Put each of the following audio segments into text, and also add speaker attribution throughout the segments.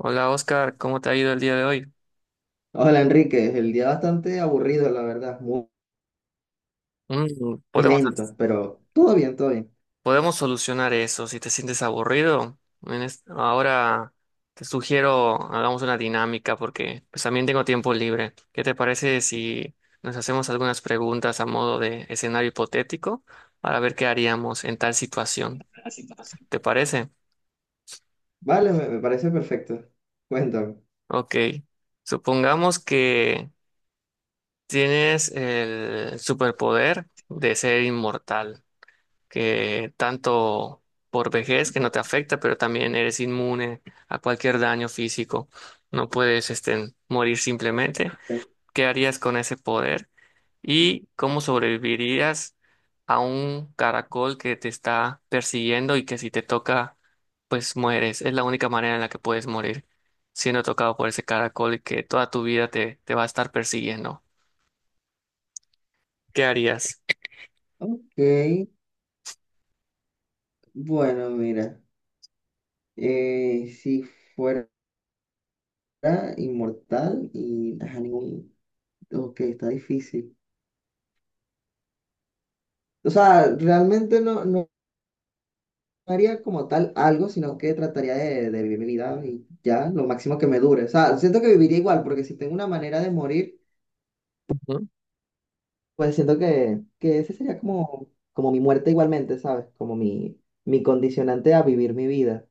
Speaker 1: Hola Oscar, ¿cómo te ha ido el día de hoy?
Speaker 2: Hola Enrique, el día bastante aburrido, la verdad,
Speaker 1: Mm,
Speaker 2: muy
Speaker 1: podemos,
Speaker 2: lento, pero todo bien, todo bien.
Speaker 1: podemos solucionar eso. Si te sientes aburrido, ahora te sugiero hagamos una dinámica porque pues también tengo tiempo libre. ¿Qué te parece si nos hacemos algunas preguntas a modo de escenario hipotético para ver qué haríamos en tal situación? ¿Te parece?
Speaker 2: Vale, me parece perfecto. Cuéntame.
Speaker 1: Ok. Supongamos que tienes el superpoder de ser inmortal. Que tanto por vejez que no te afecta, pero también eres inmune a cualquier daño físico. No puedes morir simplemente. ¿Qué harías con ese poder? ¿Y cómo sobrevivirías a un caracol que te está persiguiendo y que si te toca, pues mueres? Es la única manera en la que puedes morir, siendo tocado por ese caracol y que toda tu vida te va a estar persiguiendo. ¿Qué harías?
Speaker 2: Ok, bueno, mira, si fuera inmortal y ajá, ningún... Ok, está difícil. O sea, realmente no haría como tal algo, sino que trataría de vivir mi vida y ya, lo máximo que me dure. O sea, siento que viviría igual, porque si tengo una manera de morir...
Speaker 1: Ujú,
Speaker 2: Pues siento que ese sería como, como mi muerte igualmente, ¿sabes? Como mi condicionante a vivir mi vida.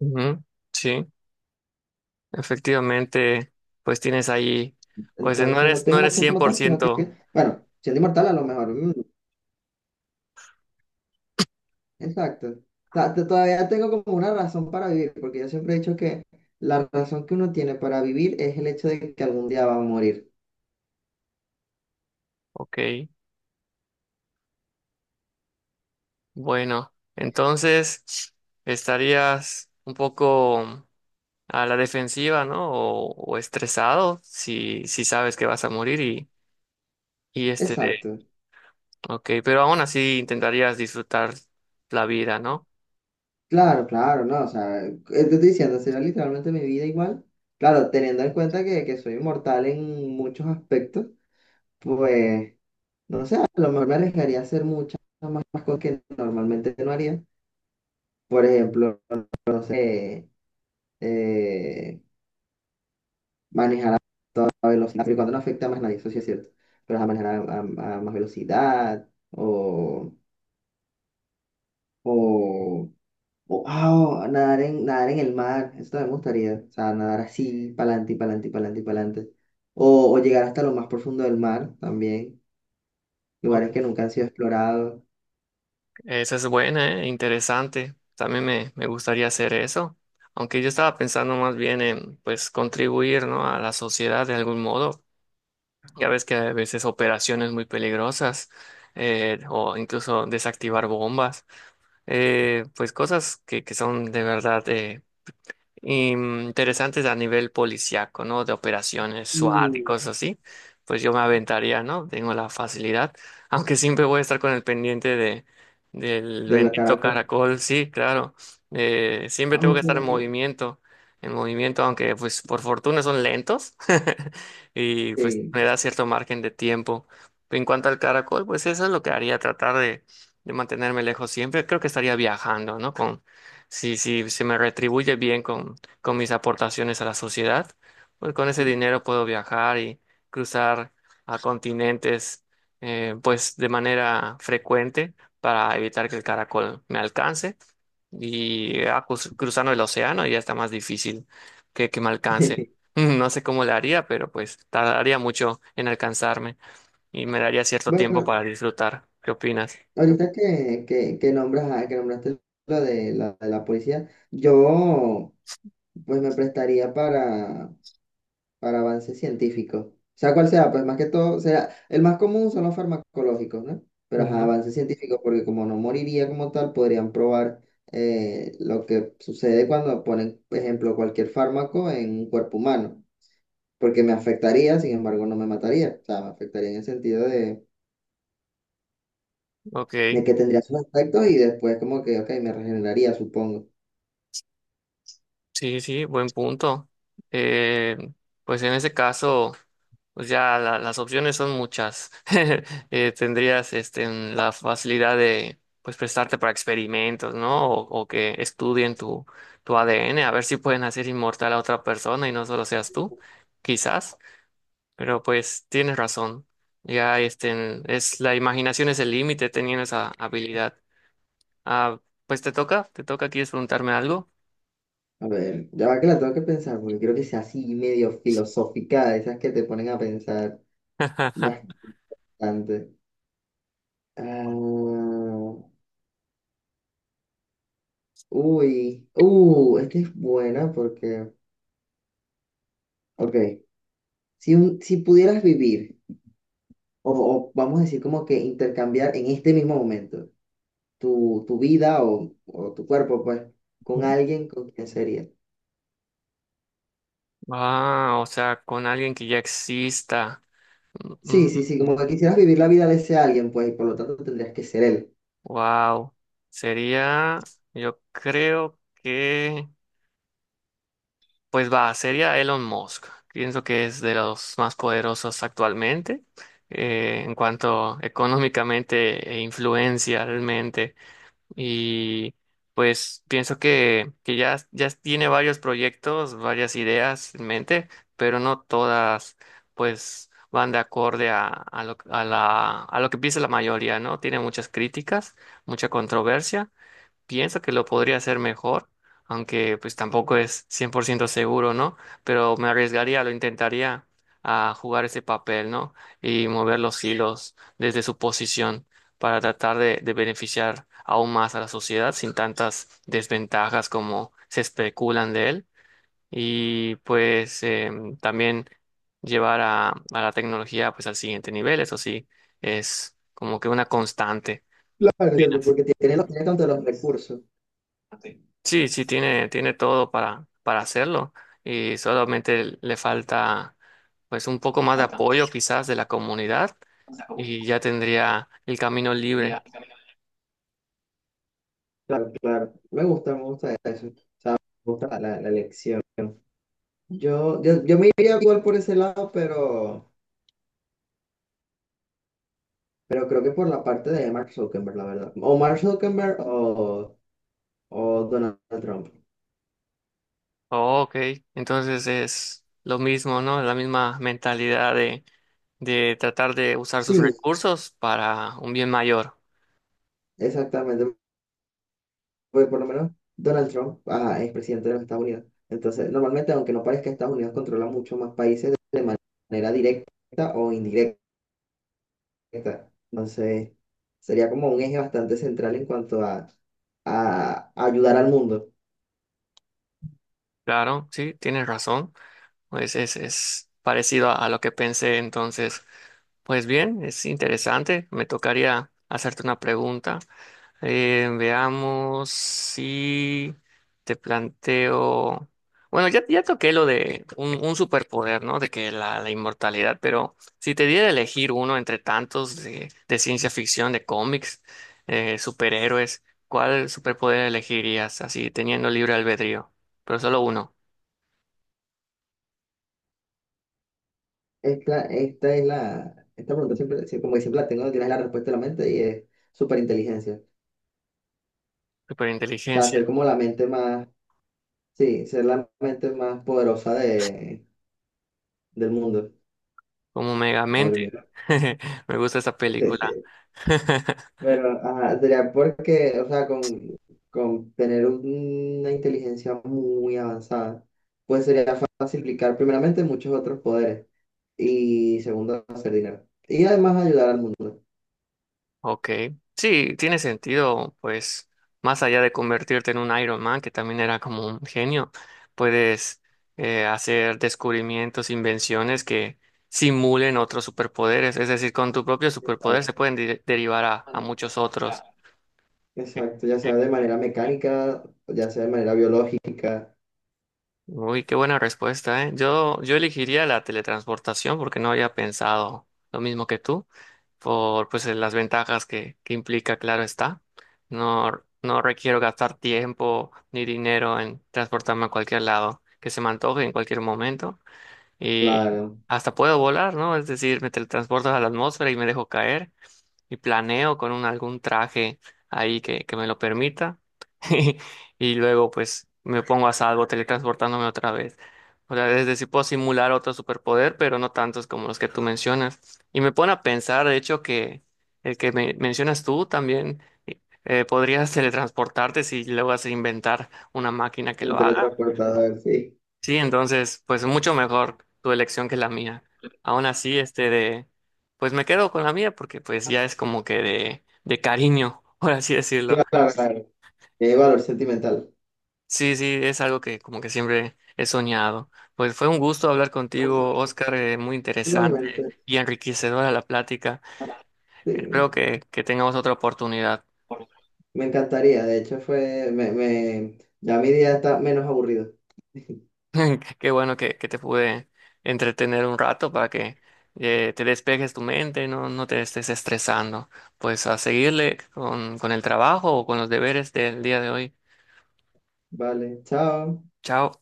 Speaker 1: ujú, sí. Efectivamente, pues tienes ahí, pues
Speaker 2: Entonces no
Speaker 1: no
Speaker 2: tengo una
Speaker 1: eres
Speaker 2: acción
Speaker 1: cien
Speaker 2: como
Speaker 1: por
Speaker 2: tal, sino
Speaker 1: ciento
Speaker 2: bueno, siendo inmortal a lo mejor. Exacto. O sea, todavía tengo como una razón para vivir, porque yo siempre he dicho que la razón que uno tiene para vivir es el hecho de que algún día va a morir.
Speaker 1: ok, bueno, entonces estarías un poco a la defensiva, ¿no? O estresado si sabes que vas a morir y, y este de,
Speaker 2: Exacto.
Speaker 1: ok, pero aún así intentarías disfrutar la vida, ¿no?
Speaker 2: Claro, claro, no, o sea, te estoy diciendo, será literalmente mi vida igual. Claro, teniendo en cuenta que soy inmortal en muchos aspectos, pues... No sé, a lo mejor me arriesgaría a hacer muchas más cosas que normalmente no haría. Por ejemplo, no sé, eh, manejar a velocidad, pero cuando no afecta a más nadie, eso sí es cierto. Pero a manejar a más velocidad o, o nadar nadar en el mar, eso también me gustaría. O sea, nadar así, para adelante y para adelante y para adelante y para adelante. O llegar hasta lo más profundo del mar también, lugares
Speaker 1: Uy,
Speaker 2: que nunca han sido explorados.
Speaker 1: esa es buena, ¿eh? Interesante, también me gustaría hacer eso, aunque yo estaba pensando más bien en, pues, contribuir, ¿no? A la sociedad de algún modo. Ya ves que a veces operaciones muy peligrosas, o incluso desactivar bombas, pues cosas que son de verdad interesantes a nivel policiaco, ¿no? De operaciones SWAT y cosas
Speaker 2: Uh,
Speaker 1: así, pues yo me aventaría, ¿no? Tengo la facilidad, aunque siempre voy a estar con el pendiente de, del
Speaker 2: de la
Speaker 1: bendito
Speaker 2: Caracas.
Speaker 1: caracol, sí, claro. Siempre tengo que estar
Speaker 2: Aunque,
Speaker 1: en movimiento, aunque pues por fortuna son lentos y pues
Speaker 2: sí.
Speaker 1: me da cierto margen de tiempo. En cuanto al caracol, pues eso es lo que haría, tratar de mantenerme lejos siempre. Creo que estaría viajando, ¿no? Si si, se me retribuye bien con mis aportaciones a la sociedad, pues con ese dinero puedo viajar y cruzar a continentes, pues de manera frecuente para evitar que el caracol me alcance. Y cruzando el océano ya está más difícil que me alcance. No sé cómo le haría, pero pues tardaría mucho en alcanzarme y me daría cierto tiempo
Speaker 2: Bueno,
Speaker 1: para disfrutar. ¿Qué opinas?
Speaker 2: ahorita que nombraste lo de de la policía, yo pues me prestaría para avances científicos. O sea, cual sea, pues más que todo, o sea, el más común son los farmacológicos, ¿no? Pero ajá,
Speaker 1: Ujú.
Speaker 2: avances científicos, porque como no moriría como tal, podrían probar lo que sucede cuando ponen, por ejemplo, cualquier fármaco en un cuerpo humano, porque me afectaría, sin embargo, no me mataría. O sea, me afectaría en el sentido de
Speaker 1: Ok.
Speaker 2: que tendría sus aspectos y después como que, ok, me regeneraría, supongo.
Speaker 1: Sí, sí, buen punto. Eh, pues en ese caso, pues ya las opciones son muchas. Tendrías en la facilidad de pues prestarte para experimentos, ¿no? O que estudien tu, tu ADN, a ver si pueden hacer inmortal a otra persona y no solo seas tú, quizás. Pero pues tienes razón. Ya es la imaginación es el límite teniendo esa habilidad. Ah, pues te toca, ¿quieres preguntarme algo?
Speaker 2: A ver, ya va que la tengo que pensar, porque creo que sea así medio filosófica, de esas que te ponen a pensar bastante. Ah, uy, esta es buena porque, ok, si, si pudieras vivir, o vamos a decir como que intercambiar en este mismo momento tu vida o tu cuerpo, pues, con alguien, ¿con quién sería?
Speaker 1: Ah, o sea, con alguien que ya exista.
Speaker 2: Sí, sí, sí, como que quisieras vivir la vida de ese alguien, pues, y por lo tanto tendrías que ser él.
Speaker 1: Wow. Sería, yo creo que, pues va, sería Elon Musk. Pienso que es de los más poderosos actualmente, en cuanto económicamente e influencialmente. Y pues pienso que ya, ya tiene varios proyectos, varias ideas en mente, pero no todas pues van de acorde a lo que piensa la mayoría, ¿no? Tiene muchas críticas, mucha controversia, pienso que lo podría hacer mejor, aunque pues tampoco es 100% seguro, ¿no? Pero me arriesgaría, lo intentaría a jugar ese papel, ¿no? Y mover los hilos desde su posición para tratar de beneficiar aún más a la sociedad sin tantas desventajas como se especulan de él. Y pues también llevar a la tecnología pues al siguiente nivel, eso sí, es como que una constante.
Speaker 2: Claro, entiendo, porque tiene, tiene tanto los recursos.
Speaker 1: Sí, sí, tiene, tiene todo para hacerlo y solamente le falta pues un poco más de apoyo quizás de la comunidad y ya tendría el camino libre.
Speaker 2: Claro, claro. Me gusta eso. O sea, me gusta la elección. Yo me iría igual por ese lado, pero creo que por la parte de Mark Zuckerberg, la verdad. O Mark Zuckerberg o Donald Trump.
Speaker 1: Oh, ok, entonces es lo mismo, ¿no? La misma mentalidad de tratar de usar sus
Speaker 2: Sí,
Speaker 1: recursos para un bien mayor.
Speaker 2: exactamente. Porque por lo menos Donald Trump ah, es presidente de los Estados Unidos. Entonces, normalmente, aunque no parezca, Estados Unidos controla mucho más países de manera directa o indirecta. Entonces, sería como un eje bastante central en cuanto a ayudar al mundo.
Speaker 1: Claro, sí, tienes razón. Pues es parecido a lo que pensé entonces. Pues bien, es interesante. Me tocaría hacerte una pregunta. Veamos si te planteo. Bueno, ya, ya toqué lo de un superpoder, ¿no? De que la inmortalidad, pero si te diera a elegir uno entre tantos de ciencia ficción, de cómics, superhéroes, ¿cuál superpoder elegirías? Así, teniendo libre albedrío, pero solo uno.
Speaker 2: Esta es la, esta pregunta siempre, sí, como que siempre la tengo, tienes la respuesta en la mente y es superinteligencia. O sea,
Speaker 1: Superinteligencia,
Speaker 2: ser como la mente más, sí, ser la mente más poderosa de, del mundo
Speaker 1: como
Speaker 2: o del
Speaker 1: Megamente.
Speaker 2: universo.
Speaker 1: Me gusta esa película.
Speaker 2: Pero, ajá, sería porque, o sea, con tener una inteligencia muy avanzada, pues sería fácil aplicar primeramente muchos otros poderes y segundo, hacer dinero. Y además ayudar al mundo.
Speaker 1: Ok, sí, tiene sentido, pues más allá de convertirte en un Iron Man, que también era como un genio, puedes hacer descubrimientos, invenciones que simulen otros superpoderes, es decir, con tu propio superpoder se
Speaker 2: Exacto.
Speaker 1: pueden derivar a muchos otros.
Speaker 2: Exacto, ya sea de manera mecánica, ya sea de manera biológica,
Speaker 1: Uy, qué buena respuesta, ¿eh? Yo elegiría la teletransportación porque no había pensado lo mismo que tú, por pues las ventajas que implica, claro está. No, no requiero gastar tiempo ni dinero en transportarme a cualquier lado que se me antoje en cualquier momento. Y
Speaker 2: claro,
Speaker 1: hasta puedo volar, ¿no? Es decir, me teletransporto a la atmósfera y me dejo caer y planeo con un, algún traje ahí que me lo permita y luego pues me pongo a salvo teletransportándome otra vez. O sea, es decir, puedo simular otro superpoder, pero no tantos como los que tú mencionas. Y me pone a pensar, de hecho, que el que mencionas tú también, podrías teletransportarte si luego vas a inventar una máquina que
Speaker 2: un
Speaker 1: lo haga.
Speaker 2: teletransportador, sí.
Speaker 1: Sí, entonces, pues mucho mejor tu elección que la mía. Aún así, pues me quedo con la mía porque pues ya es como que de cariño, por así decirlo.
Speaker 2: Claro, claro. Tiene valor sentimental.
Speaker 1: Sí, sí, es algo que como que siempre he soñado. Pues fue un gusto hablar contigo, Oscar, muy
Speaker 2: Igualmente,
Speaker 1: interesante y enriquecedora la plática. Espero
Speaker 2: sí.
Speaker 1: que tengamos otra oportunidad.
Speaker 2: Me encantaría, de hecho ya mi día está menos aburrido.
Speaker 1: Qué bueno que te pude entretener un rato para que te despejes tu mente, no, no te estés estresando. Pues a seguirle con el trabajo o con los deberes del día de hoy.
Speaker 2: Vale, chao.
Speaker 1: Chao.